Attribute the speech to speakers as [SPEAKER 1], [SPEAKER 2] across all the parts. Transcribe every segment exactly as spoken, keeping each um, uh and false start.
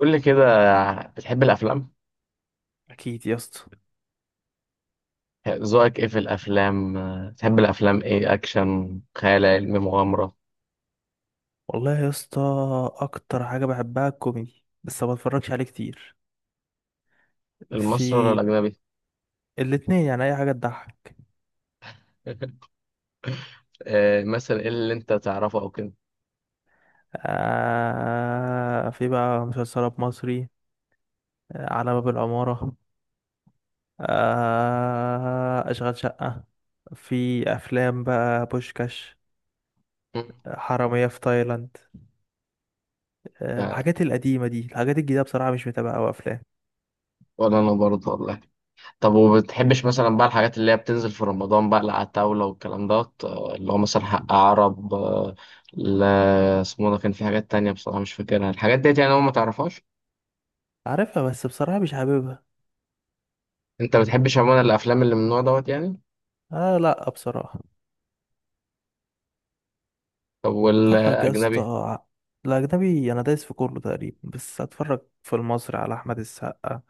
[SPEAKER 1] قول لي كده. بتحب الافلام؟
[SPEAKER 2] اكيد يا اسطى.
[SPEAKER 1] ذوقك ايه في الافلام؟ بتحب الافلام ايه؟ اكشن، خيال علمي، مغامره؟
[SPEAKER 2] والله يا اسطى، اكتر حاجه بحبها الكوميدي، بس ما بتفرجش عليه كتير.
[SPEAKER 1] المصري ولا
[SPEAKER 2] في
[SPEAKER 1] الاجنبي؟
[SPEAKER 2] الاتنين، يعني اي حاجه تضحك.
[SPEAKER 1] آه، مثلا ايه اللي انت تعرفه او كده؟
[SPEAKER 2] آه، في بقى مسلسلات مصري. آه، على باب العماره. آه، اشغال شقه. في افلام بقى بوشكاش،
[SPEAKER 1] مم.
[SPEAKER 2] حراميه في تايلاند. آه
[SPEAKER 1] لا،
[SPEAKER 2] الحاجات القديمه دي، الحاجات الجديده بصراحه مش متابعه، او افلام
[SPEAKER 1] ولا انا برضه والله. طب وبتحبش مثلا بقى الحاجات اللي هي بتنزل في رمضان بقى اللي على الطاوله والكلام دوت آه، اللي هو مثلا حق عرب آه، لا، اسمه ده كان في حاجات تانية بصراحه مش فاكرها الحاجات ديت، يعني هو ما تعرفهاش.
[SPEAKER 2] عارفها بس بصراحه مش حاببها.
[SPEAKER 1] انت بتحبش عموما الافلام اللي من النوع دوت يعني؟
[SPEAKER 2] آه لا بصراحه.
[SPEAKER 1] طب
[SPEAKER 2] اتفرج يا اسطى
[SPEAKER 1] والاجنبي؟
[SPEAKER 2] ع- الأجنبي أنا دايس في كله تقريبا، بس أتفرج في المصري على أحمد السقا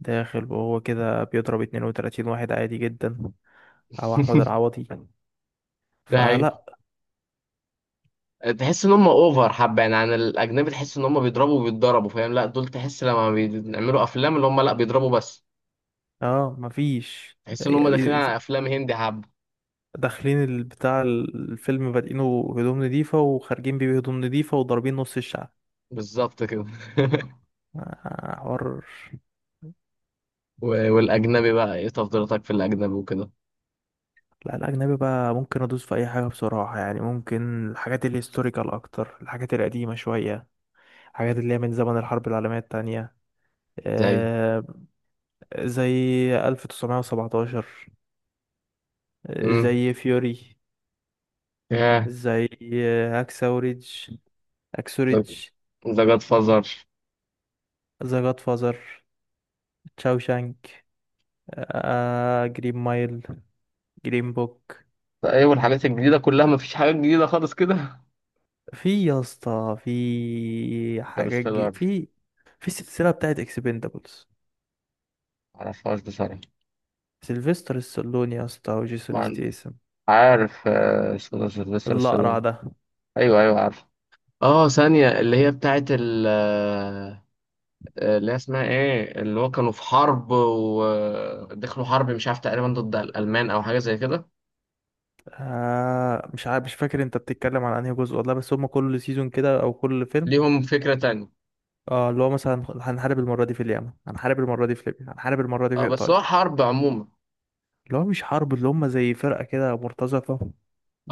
[SPEAKER 2] داخل وهو كده بيضرب اثنين وثلاثين واحد عادي جدا، أو أحمد العوضي
[SPEAKER 1] ده حقيقي.
[SPEAKER 2] فلا.
[SPEAKER 1] تحس ان هم اوفر حبه يعني عن الاجنبي؟ تحس ان هم بيضربوا وبيتضربوا فاهم؟ لا، دول تحس لما بيعملوا افلام اللي هم لا بيضربوا بس.
[SPEAKER 2] اه مفيش
[SPEAKER 1] تحس ان هم داخلين
[SPEAKER 2] يعني.
[SPEAKER 1] على افلام هندي حبه.
[SPEAKER 2] داخلين ال- بتاع الفيلم بادئينه هدوم نضيفة، وخارجين بيه بهدوم نضيفة وضاربين نص الشعب.
[SPEAKER 1] بالظبط كده.
[SPEAKER 2] آه، حوار.
[SPEAKER 1] و- والاجنبي بقى، ايه تفضيلاتك في الاجنبي وكده؟
[SPEAKER 2] لا الأجنبي بقى ممكن أدوس في أي حاجة بصراحة، يعني ممكن الحاجات الهيستوريكال أكتر، الحاجات القديمة شوية، حاجات اللي هي من زمن الحرب العالمية التانية.
[SPEAKER 1] زي.
[SPEAKER 2] آه، زي ألف وتسعمائة وسبعة عشر. آه،
[SPEAKER 1] امم.
[SPEAKER 2] زي فيوري.
[SPEAKER 1] ياه.
[SPEAKER 2] زي آه، أكسوريدج، أكسوريدج.
[SPEAKER 1] ذا جاد فازر.
[SPEAKER 2] ذا جاد فازر، تشاوشانك، آه، جرين مايل، جرين بوك.
[SPEAKER 1] ايوه، الحاجات الجديده كلها مفيش حاجات جديده خالص كده.
[SPEAKER 2] في يا اسطى، في حاجات جي،
[SPEAKER 1] انترستيلر.
[SPEAKER 2] في في السلسلة بتاعت اكسبندابلز.
[SPEAKER 1] معرفهاش بصراحه.
[SPEAKER 2] سيلفستر ستالوني يا اسطى، وجيسون
[SPEAKER 1] ما-
[SPEAKER 2] ستيسن.
[SPEAKER 1] عارف آه، اسمه ده سيلفستر
[SPEAKER 2] الأقرع
[SPEAKER 1] ستالون.
[SPEAKER 2] ده.
[SPEAKER 1] ايوه، ايوه، عارف. اه، ثانية اللي هي بتاعت آه، اللي هي اسمها ايه، اللي هو كانوا في حرب ودخلوا حرب مش عارف تقريبا ضد الألمان او حاجة زي كده.
[SPEAKER 2] آه مش عارف، مش فاكر انت بتتكلم عن انهي جزء والله، بس هما كل سيزون كده او كل فيلم.
[SPEAKER 1] ليهم فكرة تانية.
[SPEAKER 2] اه اللي هو مثلا هنحارب المره دي في اليمن، هنحارب المره دي في ليبيا، هنحارب المره دي في
[SPEAKER 1] اه، بس هو
[SPEAKER 2] ايطاليا.
[SPEAKER 1] حرب عموما.
[SPEAKER 2] اللي هو مش حرب، اللي هما زي فرقه كده مرتزقه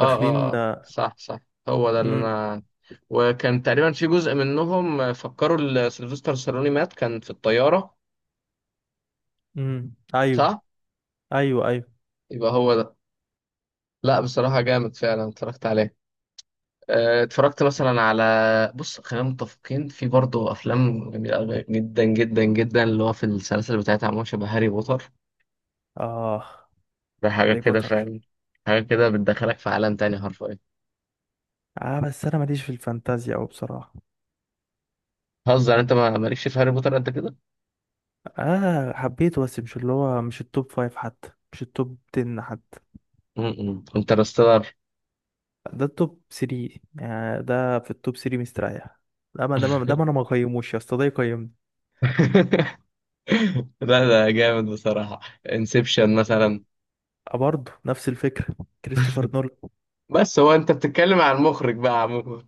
[SPEAKER 1] اه، اه، اه، صح، صح. هو ده اللي
[SPEAKER 2] امم.
[SPEAKER 1] انا. وكان تقريبا في جزء منهم فكروا ال- سيلفستر سالوني مات، كان في الطيارة.
[SPEAKER 2] امم ايوه.
[SPEAKER 1] صح.
[SPEAKER 2] ايوه ايوه.
[SPEAKER 1] يبقى هو ده. لا، بصراحة جامد فعلا اتفرجت عليه. آه، اتفرجت مثلا على بص، خلينا متفقين، في برضه افلام جميله أوي جدا جدا جدا، اللي هو في السلاسل بتاعتها عموما شبه هاري بوتر.
[SPEAKER 2] اه
[SPEAKER 1] ده حاجة
[SPEAKER 2] هاري
[SPEAKER 1] كده
[SPEAKER 2] بوتر.
[SPEAKER 1] فاهم؟ حاجة كده بتدخلك في عالم تاني حرفيا.
[SPEAKER 2] اه بس انا ماليش في الفانتازيا او بصراحه.
[SPEAKER 1] هزر، انت ما مالكش في هاري بوتر قد كده؟
[SPEAKER 2] اه حبيته، بس مش اللي هو مش التوب فايف حتى، مش التوب عشرة حتى.
[SPEAKER 1] امم، انترستيلر.
[SPEAKER 2] ده التوب تلاتة، يعني ده في التوب تلاتة مستريح. لا، ما ده ما ده ما انا ما قيموش يا اسطى، ده يقيمني.
[SPEAKER 1] لا، ده جامد بصراحة. انسبشن مثلا.
[SPEAKER 2] أه، برضه نفس الفكره. كريستوفر نولان.
[SPEAKER 1] بس هو انت بتتكلم عن المخرج بقى عموما؟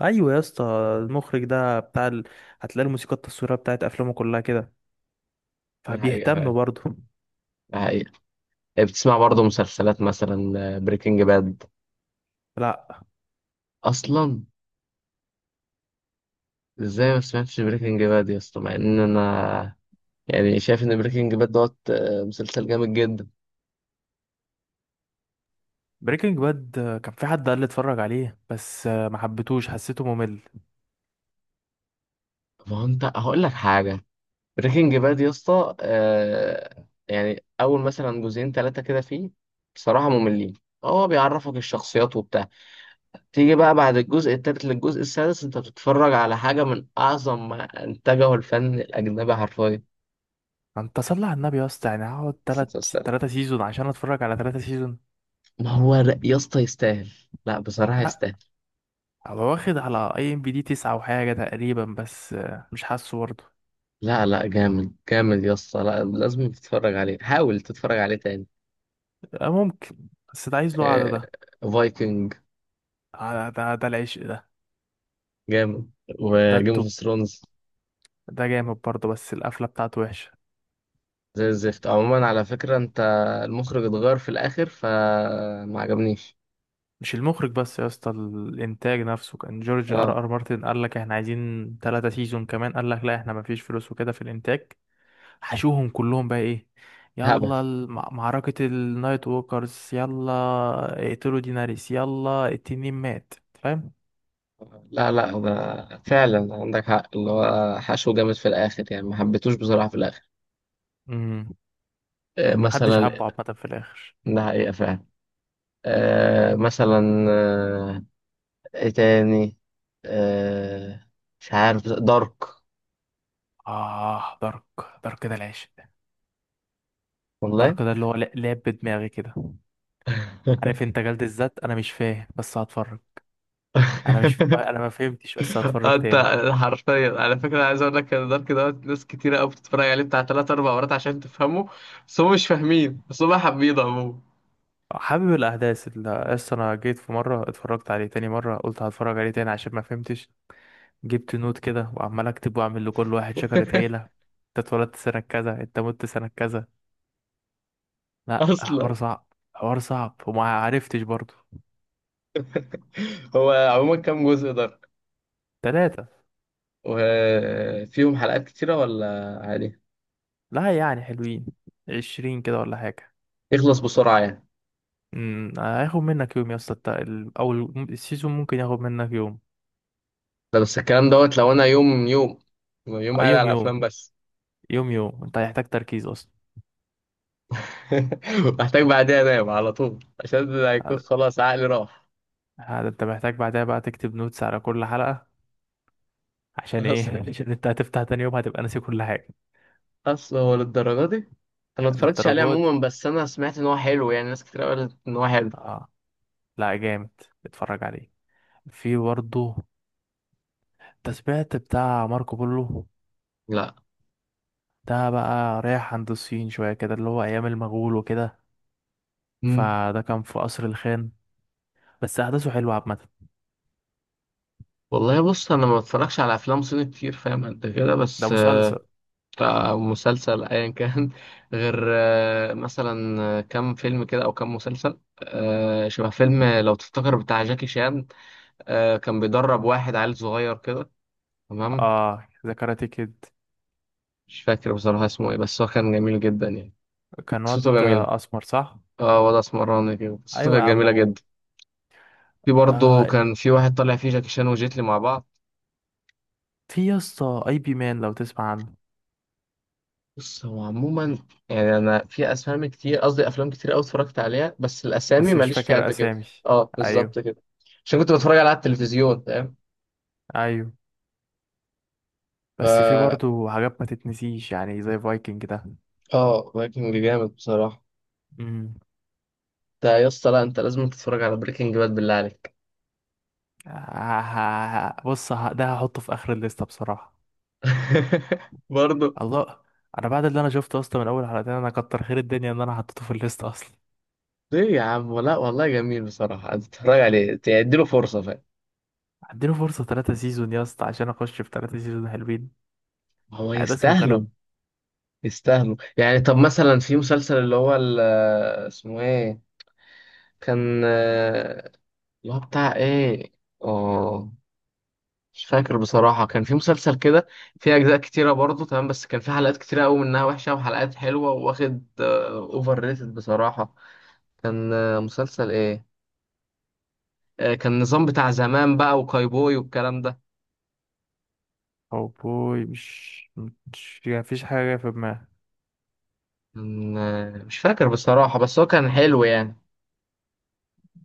[SPEAKER 2] ايوه يا اسطى، المخرج ده بتاع ال... هتلاقي الموسيقى التصويريه بتاعت افلامه كلها كده،
[SPEAKER 1] ده حقيقة
[SPEAKER 2] فبيهتم
[SPEAKER 1] فعلا.
[SPEAKER 2] برضه.
[SPEAKER 1] ده حقيقة. إيه، بتسمع برضه مسلسلات مثلا؟ بريكنج باد.
[SPEAKER 2] لا.
[SPEAKER 1] اصلا. ازاي ما سمعتش بريكنج باد يا اسطى مع ان انا؟ يعني شايف ان بريكنج باد دوت آه، مسلسل جامد جدا.
[SPEAKER 2] بريكنج باد كان في حد قال لي اتفرج عليه، بس آه، ما حبيتهوش، حسيته ممل.
[SPEAKER 1] ما هو انت هقول لك حاجة. بريكنج باد يا اسطى، آه يعني اول مثلا جزئين ثلاثه كده فيه. بصراحه مملين. هو بيعرفك الشخصيات وبتاع. تيجي بقى بعد الجزء الثالث للجزء السادس انت بتتفرج على حاجه من اعظم ما انتجه الفن الاجنبي حرفيا.
[SPEAKER 2] انت صلي على النبي يا اسطى، يعني هقعد تلات،
[SPEAKER 1] يستاهل.
[SPEAKER 2] تلاتة سيزون عشان اتفرج على تلاتة سيزون.
[SPEAKER 1] ما هو لا يا اسطى يستاهل. لا بصراحه
[SPEAKER 2] لا،
[SPEAKER 1] يستاهل.
[SPEAKER 2] هو واخد على اي ام بي دي تسعة وحاجة تقريبا، بس آه، مش حاسه برضه.
[SPEAKER 1] لا، لا، جامد جامد يا اسطى، لا، لازم تتفرج عليه، حاول تتفرج عليه تاني.
[SPEAKER 2] آه، ممكن. بس ده عايز له قعدة ده.
[SPEAKER 1] آه فايكنج.
[SPEAKER 2] آه، ده ده العشق ده.
[SPEAKER 1] جامد.
[SPEAKER 2] ده
[SPEAKER 1] وجيمس اوف
[SPEAKER 2] التوب،
[SPEAKER 1] ثرونز.
[SPEAKER 2] ده جامد برضه، بس القفلة بتاعته وحشة.
[SPEAKER 1] زي الزفت عموما على فكرة انت. المخرج اتغير في الاخر فما عجبنيش.
[SPEAKER 2] مش المخرج بس يا اسطى، الانتاج نفسه، كان جورج
[SPEAKER 1] اه،
[SPEAKER 2] ار ار مارتن قال لك احنا عايزين ثلاثة سيزون كمان، قال لك لا احنا مفيش فلوس وكده في الانتاج. حشوهم كلهم بقى ايه،
[SPEAKER 1] هبل.
[SPEAKER 2] يلا الم- معركة النايت ووكرز، يلا اقتلوا ديناريس، يلا التنين مات، فاهم.
[SPEAKER 1] لا، لا، ده فعلا عندك حق، اللي هو حشو جامد في الاخر، يعني ما حبيتوش بصراحة في الاخر.
[SPEAKER 2] امم.
[SPEAKER 1] آه
[SPEAKER 2] محدش
[SPEAKER 1] مثلا.
[SPEAKER 2] حبه عامة في الاخر.
[SPEAKER 1] ده حقيقة فعلا. آه مثلا، آه ايه تاني؟ آه مش عارف، دارك.
[SPEAKER 2] اه دارك. دارك ده العشق.
[SPEAKER 1] والله.
[SPEAKER 2] الدارك ده اللي هو لا- لعب بدماغي كده. عارف انت جلد الذات؟ انا مش فاهم بس هتفرج. انا مش انا ما فهمتش بس هتفرج
[SPEAKER 1] انت،
[SPEAKER 2] تاني.
[SPEAKER 1] حرفيا على فكره انا عايز اقول لك ان دارك دوت ناس كتيره قوي بتتفرج عليه بتاع ثلاث اربع مرات عشان تفهمه. بس هم مش فاهمين، بس هم حابين عموما.
[SPEAKER 2] حابب الاحداث اللي اصل انا جيت في مره اتفرجت عليه، تاني مره قلت هتفرج عليه تاني عشان ما فهمتش. جبت نوت كده وعمال اكتب، واعمل لكل واحد شجره عيله. انت اتولدت سنه كذا، انت مت سنه كذا. لا
[SPEAKER 1] اصلا.
[SPEAKER 2] حوار صعب. حوار صعب، وما عرفتش برضه.
[SPEAKER 1] هو عموما كام جزء دارك؟
[SPEAKER 2] تلاتة.
[SPEAKER 1] وفيهم حلقات كتيره ولا عادي؟
[SPEAKER 2] لا يعني حلوين، عشرين كده ولا حاجه.
[SPEAKER 1] يخلص بسرعه يعني.
[SPEAKER 2] امم، هياخد منك يوم يا اسطى. الت- ال- او ال- السيزون ممكن ياخد منك يوم.
[SPEAKER 1] ده بس الكلام دوت لو انا يوم يوم، يوم
[SPEAKER 2] آه،
[SPEAKER 1] قاعد
[SPEAKER 2] يوم
[SPEAKER 1] على
[SPEAKER 2] يوم.
[SPEAKER 1] الافلام بس.
[SPEAKER 2] يوم يوم، انت هيحتاج تركيز اصلا.
[SPEAKER 1] محتاج بعدها انام على طول عشان هيكون
[SPEAKER 2] هذا،
[SPEAKER 1] خلاص عقلي راح.
[SPEAKER 2] هذا انت محتاج بعدها بقى تكتب نوتس على كل حلقة، عشان
[SPEAKER 1] اصلا.
[SPEAKER 2] ايه؟ عشان انت هتفتح تاني يوم هتبقى ناسي كل حاجة.
[SPEAKER 1] اصل هو للدرجه دي؟ انا ما اتفرجتش عليه
[SPEAKER 2] للدرجات دي.
[SPEAKER 1] عموما بس انا سمعت ان هو حلو، يعني ناس كتير قالت ان هو حلو.
[SPEAKER 2] اه، لا جامد، اتفرج عليه. في برضه تسبيعت بتاع ماركو بولو.
[SPEAKER 1] لا.
[SPEAKER 2] ده بقى رايح عند الصين شوية كده، اللي هو ايام المغول وكده،
[SPEAKER 1] مم.
[SPEAKER 2] فده كان في قصر الخان، بس احداثه حلوة عامة.
[SPEAKER 1] والله بص، انا ما بتفرجش على افلام صيني كتير فاهم قد كده
[SPEAKER 2] ده
[SPEAKER 1] بس آه،
[SPEAKER 2] مسلسل.
[SPEAKER 1] آه، مسلسل ايا كان غير آه، مثلا آه، كام فيلم كده او كام مسلسل آه، شبه فيلم لو تفتكر بتاع جاكي شان. آه، كان بيدرب واحد عيل صغير كده. تمام.
[SPEAKER 2] اه، ذا كاراتيه كيد.
[SPEAKER 1] مش فاكر بصراحة اسمه ايه بس هو كان جميل جدا يعني.
[SPEAKER 2] كان
[SPEAKER 1] قصته
[SPEAKER 2] واد
[SPEAKER 1] جميلة.
[SPEAKER 2] اسمر صح؟
[SPEAKER 1] اه، وضع اسمراني كده، قصته
[SPEAKER 2] ايوه
[SPEAKER 1] كانت
[SPEAKER 2] يا عم
[SPEAKER 1] جميلة
[SPEAKER 2] هو.
[SPEAKER 1] جدا. في برضه
[SPEAKER 2] آه،
[SPEAKER 1] كان في واحد طالع فيه جاكي شان وجيتلي مع بعض.
[SPEAKER 2] في يا اسطى اي بي مان، لو تسمع عنه.
[SPEAKER 1] بص هو عموما، يعني انا في اسامي كتير، قصدي افلام كتير قوي اتفرجت عليها بس الاسامي
[SPEAKER 2] بس مش
[SPEAKER 1] ماليش فيها
[SPEAKER 2] فاكر
[SPEAKER 1] قد كده.
[SPEAKER 2] اسامي.
[SPEAKER 1] اه، بالظبط
[SPEAKER 2] ايوه
[SPEAKER 1] كده. عشان كنت بتفرج عليها على التلفزيون فاهم.
[SPEAKER 2] ايوه. بس في
[SPEAKER 1] فا
[SPEAKER 2] برضو حاجات ما تتنسيش، يعني زي فايكنج ده.
[SPEAKER 1] اه، بريكنج جامد بصراحه.
[SPEAKER 2] امم.
[SPEAKER 1] انت يا اسطى، لا، انت لازم تتفرج على بريكنج باد بالله عليك.
[SPEAKER 2] ه- ه- ه- بص ه- ده هحطه في اخر الليسته بصراحه.
[SPEAKER 1] برضه.
[SPEAKER 2] الله، انا بعد اللي انا شفته اصلا من اول حلقتين، انا كتر خير الدنيا ان انا حطيته في الليسته اصلا.
[SPEAKER 1] ليه يا عم؟ لا، والله جميل بصراحه، انت تتفرج
[SPEAKER 2] مم.
[SPEAKER 1] عليه تديله فرصه فاهم.
[SPEAKER 2] اديله فرصه ثلاثة سيزون يا اسطى عشان اخش في ثلاثة سيزون حلوين؟
[SPEAKER 1] هو
[SPEAKER 2] يعني ده اسمه كلام.
[SPEAKER 1] يستاهله. يستاهلوا يعني. طب مثلا في مسلسل اللي هو ال- اسمه ايه، كان آه، اللي هو بتاع ايه؟ اه، مش فاكر بصراحة، كان في مسلسل كده. فيه أجزاء كتيرة برضه، تمام، بس كان في حلقات كتيرة أوي منها وحشة وحلقات حلوة، وواخد أوفر ريتد بصراحة. كان آه، مسلسل ايه؟ آه، كان نظام بتاع زمان بقى وكايبوي والكلام ده.
[SPEAKER 2] او بوي، مش، مش يعني، مفيش حاجه في دماغي.
[SPEAKER 1] كان آه، مش فاكر بصراحة بس هو كان حلو يعني.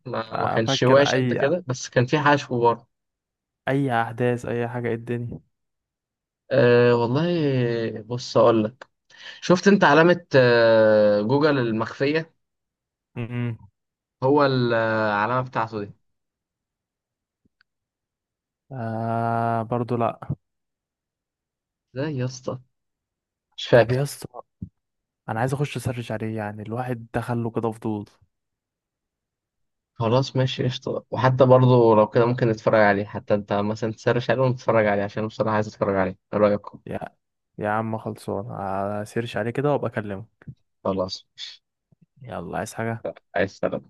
[SPEAKER 1] ما ما كانش
[SPEAKER 2] افكر
[SPEAKER 1] واش قد
[SPEAKER 2] اي،
[SPEAKER 1] كده بس كان في حشو برضه.
[SPEAKER 2] اي احداث، اي حاجه، إيه الدنيا.
[SPEAKER 1] أه والله، بص أقول لك، شفت أنت علامة آه، جوجل المخفية؟
[SPEAKER 2] امم.
[SPEAKER 1] هو العلامة بتاعته دي.
[SPEAKER 2] آه برضو لا.
[SPEAKER 1] ازاي يا اسطى؟ مش
[SPEAKER 2] طب
[SPEAKER 1] فاكر.
[SPEAKER 2] يا اسطى انا عايز اخش اسرش عليه، يعني الواحد دخله كده فضول.
[SPEAKER 1] خلاص ماشي قشطة، وحتى برضه لو كده ممكن نتفرج عليه، حتى انت مثلا تسرش عليه ونتفرج عليه عشان أنا بصراحة عايز اتفرج عليه، ايه رأيك؟
[SPEAKER 2] يا يا عم خلصان، اسيرش عليه كده وابقى اكلمه.
[SPEAKER 1] خلاص ماشي.
[SPEAKER 2] يلا، عايز حاجه؟
[SPEAKER 1] عايز سلام.